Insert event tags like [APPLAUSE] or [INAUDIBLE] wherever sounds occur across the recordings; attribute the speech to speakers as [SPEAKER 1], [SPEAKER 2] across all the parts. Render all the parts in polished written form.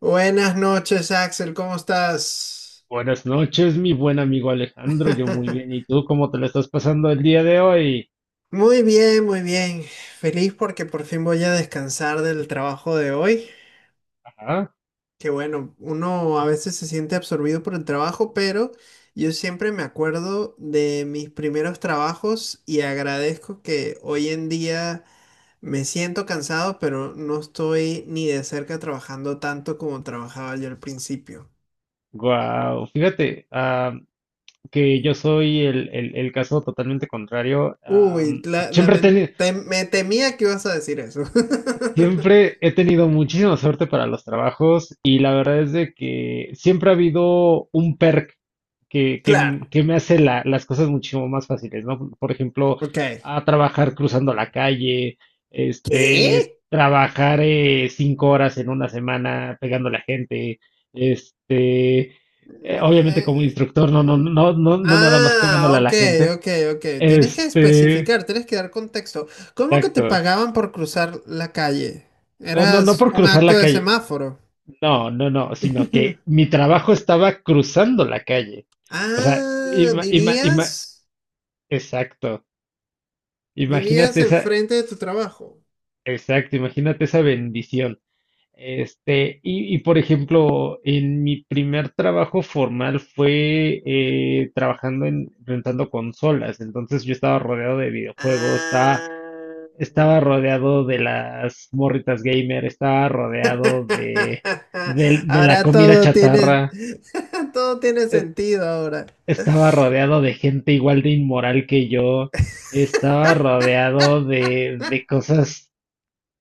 [SPEAKER 1] Buenas noches, Axel, ¿cómo estás?
[SPEAKER 2] Buenas noches, mi buen amigo Alejandro. Yo muy bien. ¿Y
[SPEAKER 1] [LAUGHS]
[SPEAKER 2] tú cómo te lo estás pasando el día de hoy?
[SPEAKER 1] Muy bien, muy bien. Feliz porque por fin voy a descansar del trabajo de hoy.
[SPEAKER 2] Ajá.
[SPEAKER 1] Que bueno, uno a veces se siente absorbido por el trabajo, pero yo siempre me acuerdo de mis primeros trabajos y agradezco que hoy en día me siento cansado, pero no estoy ni de cerca trabajando tanto como trabajaba yo al principio.
[SPEAKER 2] Guau. Fíjate, que yo soy el caso totalmente contrario.
[SPEAKER 1] Uy,
[SPEAKER 2] Am, siempre he tenido,
[SPEAKER 1] me temía que ibas a decir eso. [LAUGHS]
[SPEAKER 2] Siempre he tenido muchísima suerte para los trabajos, y la verdad es de que siempre ha habido un perk que,
[SPEAKER 1] Claro,
[SPEAKER 2] que me hace las cosas muchísimo más fáciles, ¿no? Por ejemplo,
[SPEAKER 1] ok.
[SPEAKER 2] a trabajar cruzando la calle,
[SPEAKER 1] ¿Qué?
[SPEAKER 2] trabajar 5 horas en una semana pegando a la gente, este, obviamente como
[SPEAKER 1] Eh,
[SPEAKER 2] instructor, no, no, no, no, no nada más pegándole a
[SPEAKER 1] ok,
[SPEAKER 2] la gente,
[SPEAKER 1] ok, ok. Tienes que
[SPEAKER 2] este,
[SPEAKER 1] especificar, tienes que dar contexto. ¿Cómo que te
[SPEAKER 2] exacto.
[SPEAKER 1] pagaban por cruzar la calle?
[SPEAKER 2] O No, no
[SPEAKER 1] ¿Eras
[SPEAKER 2] por
[SPEAKER 1] un
[SPEAKER 2] cruzar
[SPEAKER 1] acto
[SPEAKER 2] la
[SPEAKER 1] de
[SPEAKER 2] calle.
[SPEAKER 1] semáforo?
[SPEAKER 2] No, no, no, sino que
[SPEAKER 1] [LAUGHS]
[SPEAKER 2] mi trabajo estaba cruzando la calle. O sea,
[SPEAKER 1] Ah, ¿vivías?
[SPEAKER 2] exacto.
[SPEAKER 1] ¿Vivías
[SPEAKER 2] Imagínate esa,
[SPEAKER 1] enfrente de tu trabajo?
[SPEAKER 2] exacto, imagínate esa bendición. Por ejemplo, en mi primer trabajo formal fue trabajando en rentando consolas. Entonces yo estaba rodeado de videojuegos, estaba,
[SPEAKER 1] Ah.
[SPEAKER 2] estaba rodeado de las morritas gamer, estaba rodeado
[SPEAKER 1] [LAUGHS]
[SPEAKER 2] de la
[SPEAKER 1] Ahora
[SPEAKER 2] comida
[SPEAKER 1] todo tiene,
[SPEAKER 2] chatarra.
[SPEAKER 1] [LAUGHS] todo tiene
[SPEAKER 2] Eh,
[SPEAKER 1] sentido ahora.
[SPEAKER 2] Estaba rodeado de gente igual de inmoral que yo, estaba rodeado de cosas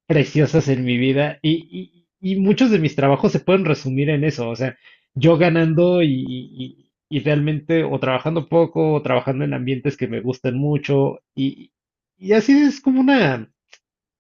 [SPEAKER 2] preciosas en mi vida y muchos de mis trabajos se pueden resumir en eso, o sea, yo ganando y realmente o trabajando poco o trabajando en ambientes que me gustan mucho y así es como una.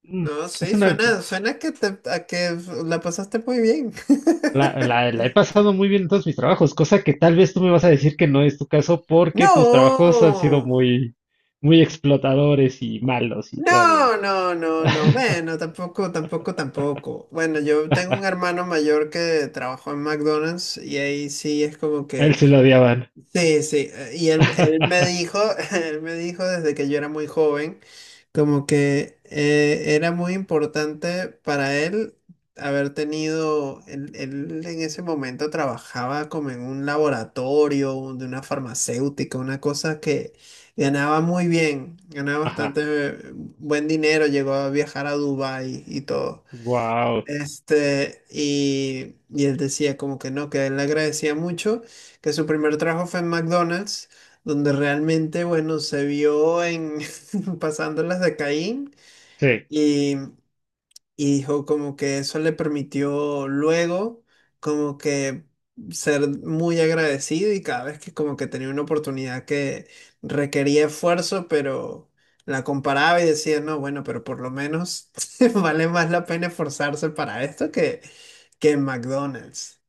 [SPEAKER 2] mm,
[SPEAKER 1] No,
[SPEAKER 2] es
[SPEAKER 1] sí,
[SPEAKER 2] una
[SPEAKER 1] suena, suena que te, a que la pasaste muy bien. [LAUGHS]
[SPEAKER 2] La, la- la he pasado muy bien en todos mis trabajos, cosa que tal vez tú me vas a decir que no es tu caso porque tus trabajos han sido
[SPEAKER 1] No,
[SPEAKER 2] muy, muy explotadores y malos y te odian.
[SPEAKER 1] no, no, no, no. Bueno, tampoco, tampoco, tampoco. Bueno, yo tengo un hermano mayor que trabajó en McDonald's y ahí sí es como
[SPEAKER 2] A él
[SPEAKER 1] que
[SPEAKER 2] se lo odiaban.
[SPEAKER 1] sí, sí, y él me
[SPEAKER 2] [LAUGHS]
[SPEAKER 1] dijo, [LAUGHS] él me dijo desde que yo era muy joven, como que era muy importante para él haber tenido, él en ese momento trabajaba como en un laboratorio de una farmacéutica, una cosa que ganaba muy bien, ganaba bastante
[SPEAKER 2] Ajá.
[SPEAKER 1] buen dinero, llegó a viajar a Dubái y todo.
[SPEAKER 2] Wow.
[SPEAKER 1] Este, y él decía como que no, que él le agradecía mucho, que su primer trabajo fue en McDonald's, donde realmente, bueno, se vio en [LAUGHS] pasándolas de Caín.
[SPEAKER 2] Sí,
[SPEAKER 1] Y dijo como que eso le permitió luego como que ser muy agradecido y cada vez que como que tenía una oportunidad que requería esfuerzo, pero la comparaba y decía, no, bueno, pero por lo menos [LAUGHS] vale más la pena esforzarse para esto que en McDonald's.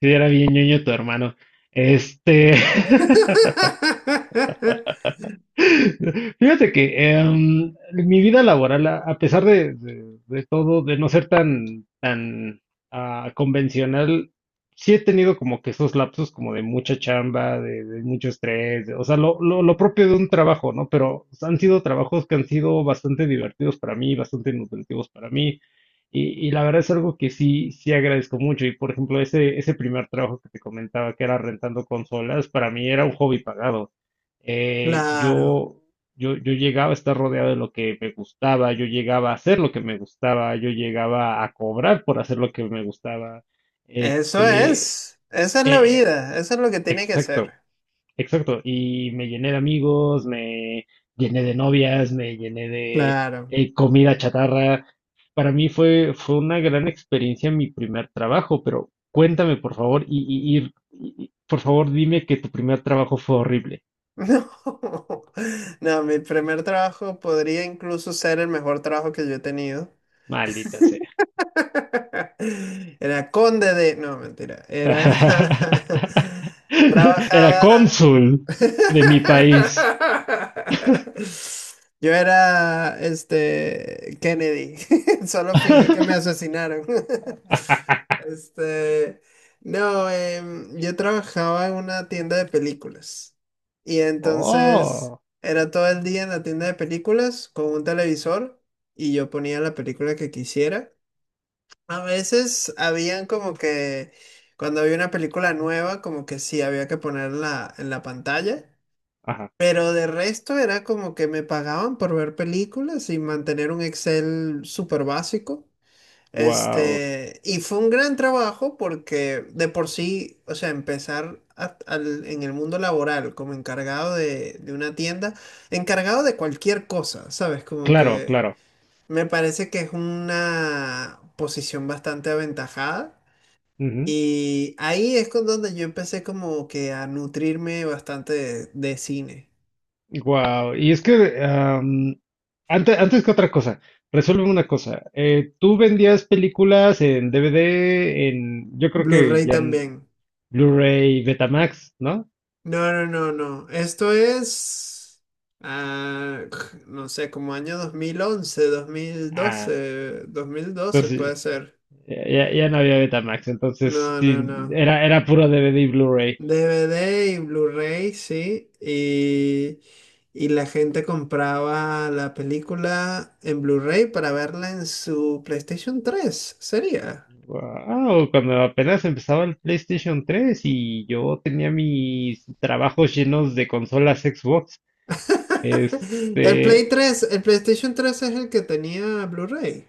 [SPEAKER 2] sí, era bien ñoño tu hermano. Este. [LAUGHS]
[SPEAKER 1] [LAUGHS]
[SPEAKER 2] Fíjate que mi vida laboral, a pesar de todo, de no ser tan, tan convencional, sí he tenido como que esos lapsos como de mucha chamba, de- de mucho estrés, o sea, lo propio de un trabajo, ¿no? Pero han sido trabajos que han sido bastante divertidos para mí, bastante nutritivos para mí. Y la verdad es algo que sí, sí agradezco mucho. Y por ejemplo, ese primer trabajo que te comentaba, que era rentando consolas, para mí era un hobby pagado eh,
[SPEAKER 1] Claro,
[SPEAKER 2] yo, yo llegaba a estar rodeado de lo que me gustaba, yo llegaba a hacer lo que me gustaba, yo llegaba a cobrar por hacer lo que me gustaba.
[SPEAKER 1] eso
[SPEAKER 2] Este,
[SPEAKER 1] es, esa es la
[SPEAKER 2] eh,
[SPEAKER 1] vida, eso es lo que tiene que
[SPEAKER 2] exacto,
[SPEAKER 1] ser.
[SPEAKER 2] exacto. Y me llené de amigos, me llené de novias, me llené de
[SPEAKER 1] Claro.
[SPEAKER 2] comida chatarra. Para mí fue una gran experiencia mi primer trabajo, pero cuéntame, por favor, por favor, dime que tu primer trabajo fue horrible.
[SPEAKER 1] No, [LAUGHS] no, mi primer trabajo podría incluso ser el mejor trabajo que yo he tenido.
[SPEAKER 2] Maldita sea.
[SPEAKER 1] [LAUGHS] Era conde de... No, mentira. Era...
[SPEAKER 2] [LAUGHS]
[SPEAKER 1] [LAUGHS]
[SPEAKER 2] Era
[SPEAKER 1] Trabajaba...
[SPEAKER 2] cónsul de mi
[SPEAKER 1] [LAUGHS]
[SPEAKER 2] país.
[SPEAKER 1] Yo era este Kennedy. [LAUGHS] Solo fingí que me
[SPEAKER 2] [LAUGHS]
[SPEAKER 1] asesinaron. [LAUGHS] Este, no, yo trabajaba en una tienda de películas. Y entonces
[SPEAKER 2] Oh,
[SPEAKER 1] era todo el día en la tienda de películas con un televisor y yo ponía la película que quisiera. A veces habían como que cuando había una película nueva, como que sí había que ponerla en la pantalla.
[SPEAKER 2] ajá,
[SPEAKER 1] Pero de resto era como que me pagaban por ver películas y mantener un Excel súper básico.
[SPEAKER 2] wow,
[SPEAKER 1] Este, y fue un gran trabajo porque de por sí, o sea, en el mundo laboral como encargado de una tienda, encargado de cualquier cosa, ¿sabes? Como
[SPEAKER 2] claro,
[SPEAKER 1] que
[SPEAKER 2] claro,
[SPEAKER 1] me parece que es una posición bastante aventajada.
[SPEAKER 2] ujú,
[SPEAKER 1] Y ahí es con donde yo empecé como que a nutrirme bastante de cine.
[SPEAKER 2] wow. Y es que antes que otra cosa, resuelve una cosa. Tú vendías películas en DVD, en yo creo que
[SPEAKER 1] Blu-ray
[SPEAKER 2] ya en
[SPEAKER 1] también.
[SPEAKER 2] Blu-ray, Betamax, ¿no?
[SPEAKER 1] No, no, no, no. Esto es, ah, [CLEARS THROAT] no sé, como año dos dos mil mil once, dos mil
[SPEAKER 2] Ah,
[SPEAKER 1] doce, dos mil doce
[SPEAKER 2] entonces
[SPEAKER 1] puede ser.
[SPEAKER 2] ya no había Betamax, entonces
[SPEAKER 1] No, no,
[SPEAKER 2] sí,
[SPEAKER 1] no.
[SPEAKER 2] era puro DVD y Blu-ray.
[SPEAKER 1] DVD y Blu-ray, sí. Y la gente compraba la película en Blu-ray para verla en su PlayStation tres. Sería.
[SPEAKER 2] Wow, cuando apenas empezaba el PlayStation 3 y yo tenía mis trabajos llenos de consolas Xbox,
[SPEAKER 1] [LAUGHS] El Play
[SPEAKER 2] este,
[SPEAKER 1] tres, el PlayStation tres es el que tenía Blu-ray.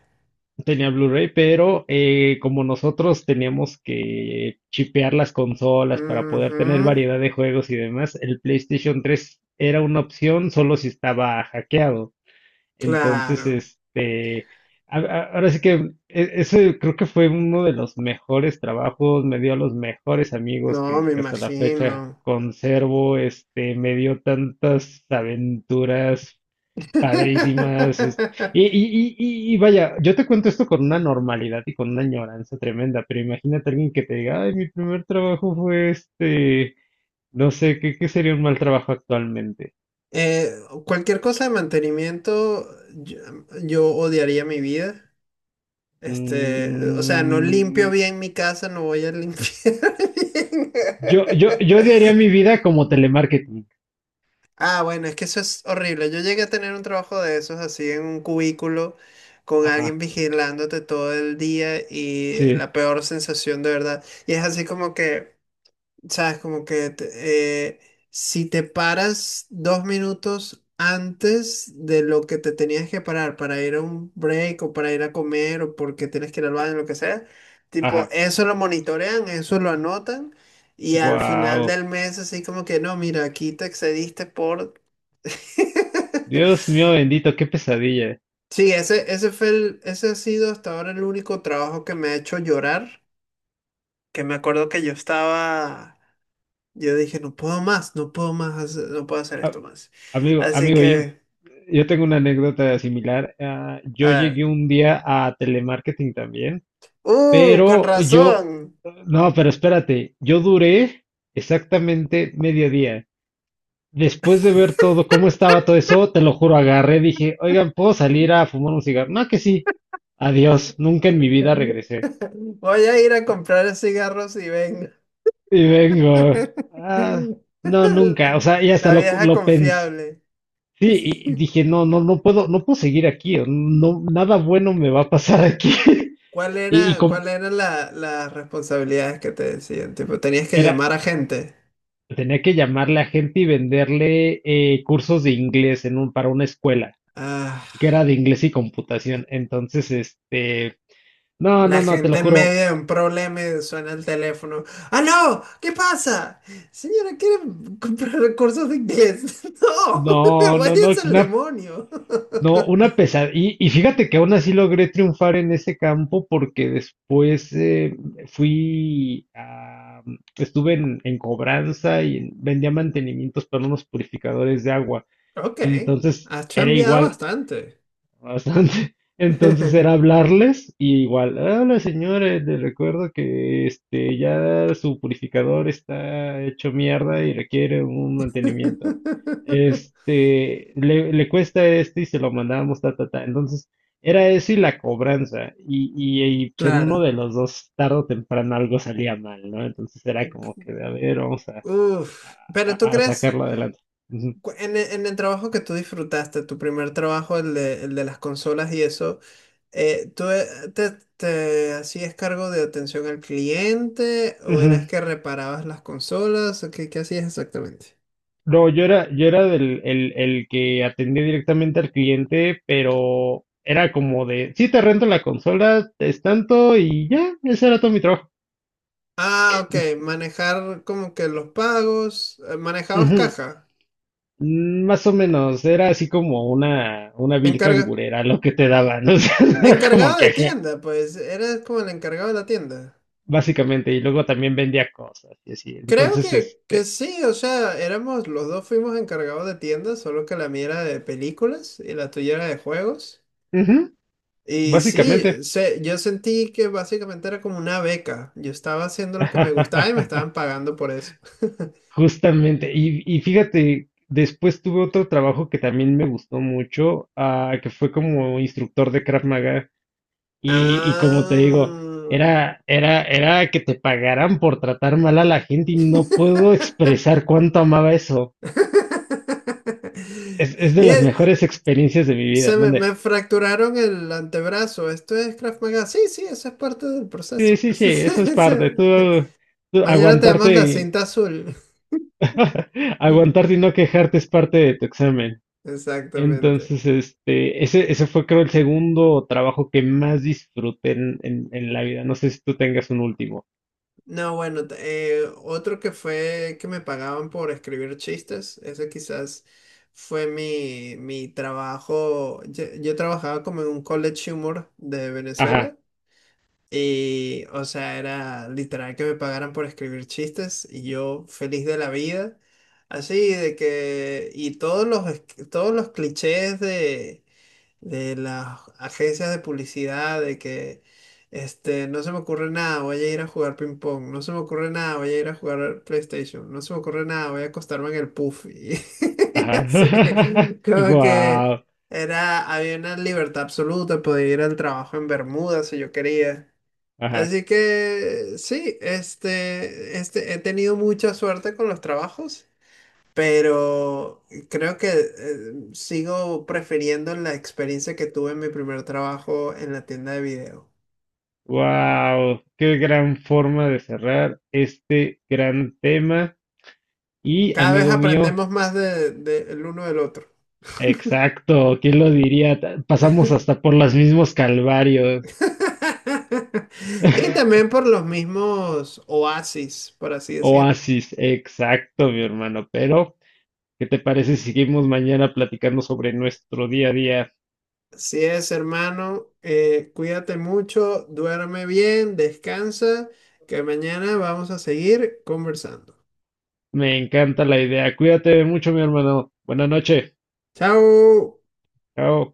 [SPEAKER 2] tenía Blu-ray, pero como nosotros teníamos que chipear las consolas para poder tener
[SPEAKER 1] Ujú.
[SPEAKER 2] variedad de juegos y demás, el PlayStation 3 era una opción solo si estaba hackeado. Entonces,
[SPEAKER 1] Claro,
[SPEAKER 2] ahora sí que ese creo que fue uno de los mejores trabajos, me dio a los mejores amigos
[SPEAKER 1] no,
[SPEAKER 2] que,
[SPEAKER 1] me
[SPEAKER 2] que hasta la fecha
[SPEAKER 1] imagino.
[SPEAKER 2] conservo, me dio tantas aventuras padrísimas, es- y,
[SPEAKER 1] [LAUGHS]
[SPEAKER 2] y, y, y- y vaya, yo te cuento esto con una normalidad y con una añoranza tremenda, pero imagínate alguien que te diga, ay, mi primer trabajo fue este, no sé, ¿qué sería un mal trabajo actualmente?
[SPEAKER 1] Eh, cualquier cosa de mantenimiento, yo, yo odiaría mi vida. Este, o sea, no limpio
[SPEAKER 2] Mm,
[SPEAKER 1] bien mi casa, no voy a limpiar [LAUGHS] bien.
[SPEAKER 2] yo odiaría mi vida como telemarketing.
[SPEAKER 1] Ah, bueno, es que eso es horrible. Yo llegué a tener un trabajo de esos así en un cubículo con alguien
[SPEAKER 2] Ajá,
[SPEAKER 1] vigilándote todo el día y
[SPEAKER 2] sí,
[SPEAKER 1] la peor sensación de verdad. Y es así como que sabes, si te paras dos minutos antes de lo que te tenías que parar para ir a un break o para ir a comer o porque tienes que ir al baño, lo que sea, tipo,
[SPEAKER 2] ajá.
[SPEAKER 1] eso lo monitorean, eso lo anotan y al final
[SPEAKER 2] Wow.
[SPEAKER 1] del mes así como que no, mira, aquí te excediste por... [LAUGHS]
[SPEAKER 2] Dios mío bendito, qué pesadilla.
[SPEAKER 1] Sí, ese fue ese ha sido hasta ahora el único trabajo que me ha hecho llorar, que me acuerdo que yo estaba... Yo dije, no puedo más, no puedo más, no puedo hacer
[SPEAKER 2] A-
[SPEAKER 1] esto más.
[SPEAKER 2] Amigo,
[SPEAKER 1] Así
[SPEAKER 2] amigo, yo,
[SPEAKER 1] que,
[SPEAKER 2] yo tengo una anécdota similar. Ah,
[SPEAKER 1] a
[SPEAKER 2] yo llegué
[SPEAKER 1] ver.
[SPEAKER 2] un día a telemarketing también,
[SPEAKER 1] ¡Uh! Con
[SPEAKER 2] pero yo,
[SPEAKER 1] razón.
[SPEAKER 2] no, pero espérate, yo duré exactamente medio día. Después de ver todo, cómo estaba todo eso, te lo juro, agarré, dije, oigan, ¿puedo salir a fumar un cigarro? No, que sí. Adiós, nunca en mi vida regresé.
[SPEAKER 1] Voy a ir a comprar cigarros y venga.
[SPEAKER 2] Y vengo, ah,
[SPEAKER 1] [LAUGHS]
[SPEAKER 2] no, nunca, o sea, y hasta
[SPEAKER 1] La
[SPEAKER 2] lo,
[SPEAKER 1] vieja
[SPEAKER 2] lo pensé,
[SPEAKER 1] confiable.
[SPEAKER 2] sí, y dije, no, no, no puedo, no puedo seguir aquí, o no, nada bueno me va a pasar aquí. [LAUGHS]
[SPEAKER 1] ¿Cuál
[SPEAKER 2] Y
[SPEAKER 1] era,
[SPEAKER 2] como
[SPEAKER 1] las responsabilidades que te decían? Tipo, tenías que
[SPEAKER 2] era,
[SPEAKER 1] llamar a gente.
[SPEAKER 2] tenía que llamarle a gente y venderle cursos de inglés para una escuela,
[SPEAKER 1] Ah.
[SPEAKER 2] que era de inglés y computación. Entonces, no,
[SPEAKER 1] La
[SPEAKER 2] no, no, te lo
[SPEAKER 1] gente en
[SPEAKER 2] juro,
[SPEAKER 1] medio de un problema y suena el teléfono. ¡Ah, no! ¿Qué pasa? Señora, ¿quiere comprar cursos de inglés? [LAUGHS] ¡No! [LAUGHS]
[SPEAKER 2] no, no, no,
[SPEAKER 1] ¡Váyase al
[SPEAKER 2] na-
[SPEAKER 1] demonio! [LAUGHS]
[SPEAKER 2] No, una pesadilla. Y fíjate que aún así logré triunfar en ese campo porque después fui a, estuve en cobranza y vendía mantenimientos para unos purificadores de agua.
[SPEAKER 1] Ok,
[SPEAKER 2] Entonces
[SPEAKER 1] has
[SPEAKER 2] era
[SPEAKER 1] cambiado
[SPEAKER 2] igual.
[SPEAKER 1] bastante.
[SPEAKER 2] Bastante. [LAUGHS] Entonces era hablarles y igual, hola señores, les recuerdo que ya su purificador está hecho mierda y requiere un mantenimiento.
[SPEAKER 1] [LAUGHS]
[SPEAKER 2] Le cuesta y se lo mandamos, ta, ta, ta. Entonces, era eso y la cobranza. Y pues, en uno
[SPEAKER 1] Claro.
[SPEAKER 2] de los dos, tarde o temprano, algo salía mal, ¿no? Entonces era como que, a ver, vamos a,
[SPEAKER 1] Uf. Pero tú
[SPEAKER 2] a, a
[SPEAKER 1] crees,
[SPEAKER 2] sacarlo adelante. Ujú.
[SPEAKER 1] en el trabajo que tú disfrutaste, tu primer trabajo, el de las consolas y eso, Eh, ¿tú eh, te, te hacías cargo de atención al cliente o eras
[SPEAKER 2] Ujú.
[SPEAKER 1] que reparabas las consolas? ¿O qué hacías exactamente?
[SPEAKER 2] No, yo era el que atendía directamente al cliente, pero era como de, sí, te rento la consola, es tanto y ya, ese era todo mi trabajo.
[SPEAKER 1] Ah, ok, manejar como que los pagos, manejabas
[SPEAKER 2] Ujú.
[SPEAKER 1] caja,
[SPEAKER 2] Más o menos, era así como una vil
[SPEAKER 1] encarga,
[SPEAKER 2] cangurera lo que te daban, [LAUGHS] o sea, era como
[SPEAKER 1] encargado
[SPEAKER 2] que,
[SPEAKER 1] de
[SPEAKER 2] ajá,
[SPEAKER 1] tienda, pues eras como el encargado de la tienda.
[SPEAKER 2] básicamente, y luego también vendía cosas y así.
[SPEAKER 1] Creo
[SPEAKER 2] Entonces,
[SPEAKER 1] que sí, o sea, éramos, los dos fuimos encargados de tienda, solo que la mía era de películas y la tuya era de juegos.
[SPEAKER 2] ujú,
[SPEAKER 1] Y sí,
[SPEAKER 2] básicamente.
[SPEAKER 1] yo sentí que básicamente era como una beca. Yo estaba haciendo lo que me gustaba y me
[SPEAKER 2] [LAUGHS]
[SPEAKER 1] estaban pagando por eso. [LAUGHS]
[SPEAKER 2] Justamente, y fíjate, después tuve otro trabajo que también me gustó mucho, que fue como instructor de Krav Maga, y como te digo,
[SPEAKER 1] Ah.
[SPEAKER 2] era que te pagaran por tratar mal a la gente y no puedo
[SPEAKER 1] [LAUGHS]
[SPEAKER 2] expresar cuánto amaba eso. Es de
[SPEAKER 1] Y
[SPEAKER 2] las
[SPEAKER 1] y
[SPEAKER 2] mejores experiencias de mi vida,
[SPEAKER 1] me
[SPEAKER 2] donde,
[SPEAKER 1] fracturaron el antebrazo. Esto es Krav Maga. Sí, sí, eso es parte del
[SPEAKER 2] sí,
[SPEAKER 1] proceso.
[SPEAKER 2] sí, sí, eso es parte, tú,
[SPEAKER 1] [LAUGHS]
[SPEAKER 2] tú
[SPEAKER 1] Mañana tenemos
[SPEAKER 2] aguantarte,
[SPEAKER 1] la cinta azul.
[SPEAKER 2] [LAUGHS]
[SPEAKER 1] [LAUGHS]
[SPEAKER 2] aguantarte y no quejarte es parte de tu examen.
[SPEAKER 1] Exactamente.
[SPEAKER 2] Entonces, ese fue creo el segundo trabajo que más disfruté en la vida. No sé si tú tengas un último.
[SPEAKER 1] No, bueno, otro que fue que me pagaban por escribir chistes, ese quizás fue mi trabajo. Yo trabajaba como en un college humor de
[SPEAKER 2] Ajá,
[SPEAKER 1] Venezuela y, o sea, era literal que me pagaran por escribir chistes y yo feliz de la vida, así de que, todos los clichés de las agencias de publicidad, de que este, no se me ocurre nada, voy a ir a jugar ping pong, no se me ocurre nada, voy a ir a jugar PlayStation, no se me ocurre nada, voy a acostarme en el puff. Y, [LAUGHS] y
[SPEAKER 2] ajá.
[SPEAKER 1] así,
[SPEAKER 2] [LAUGHS]
[SPEAKER 1] como que
[SPEAKER 2] Wow,
[SPEAKER 1] era, había una libertad absoluta, podía ir al trabajo en Bermuda si yo quería.
[SPEAKER 2] ajá.
[SPEAKER 1] Así que sí, este, he tenido mucha suerte con los trabajos, pero creo que sigo prefiriendo la experiencia que tuve en mi primer trabajo en la tienda de video.
[SPEAKER 2] Wow, qué gran forma de cerrar este gran tema. Y
[SPEAKER 1] Cada vez
[SPEAKER 2] amigo mío,
[SPEAKER 1] aprendemos más de, el uno del otro.
[SPEAKER 2] exacto, ¿quién lo diría? Pasamos hasta por los mismos calvarios.
[SPEAKER 1] [LAUGHS] Y
[SPEAKER 2] [LAUGHS]
[SPEAKER 1] también por los mismos oasis, por así decirlo.
[SPEAKER 2] Oasis, exacto, mi hermano. Pero, ¿qué te parece si seguimos mañana platicando sobre nuestro día a día?
[SPEAKER 1] Así es, hermano, cuídate mucho, duerme bien, descansa, que mañana vamos a seguir conversando.
[SPEAKER 2] Me encanta la idea. Cuídate mucho, mi hermano. Buenas noches.
[SPEAKER 1] Chao.
[SPEAKER 2] Chao.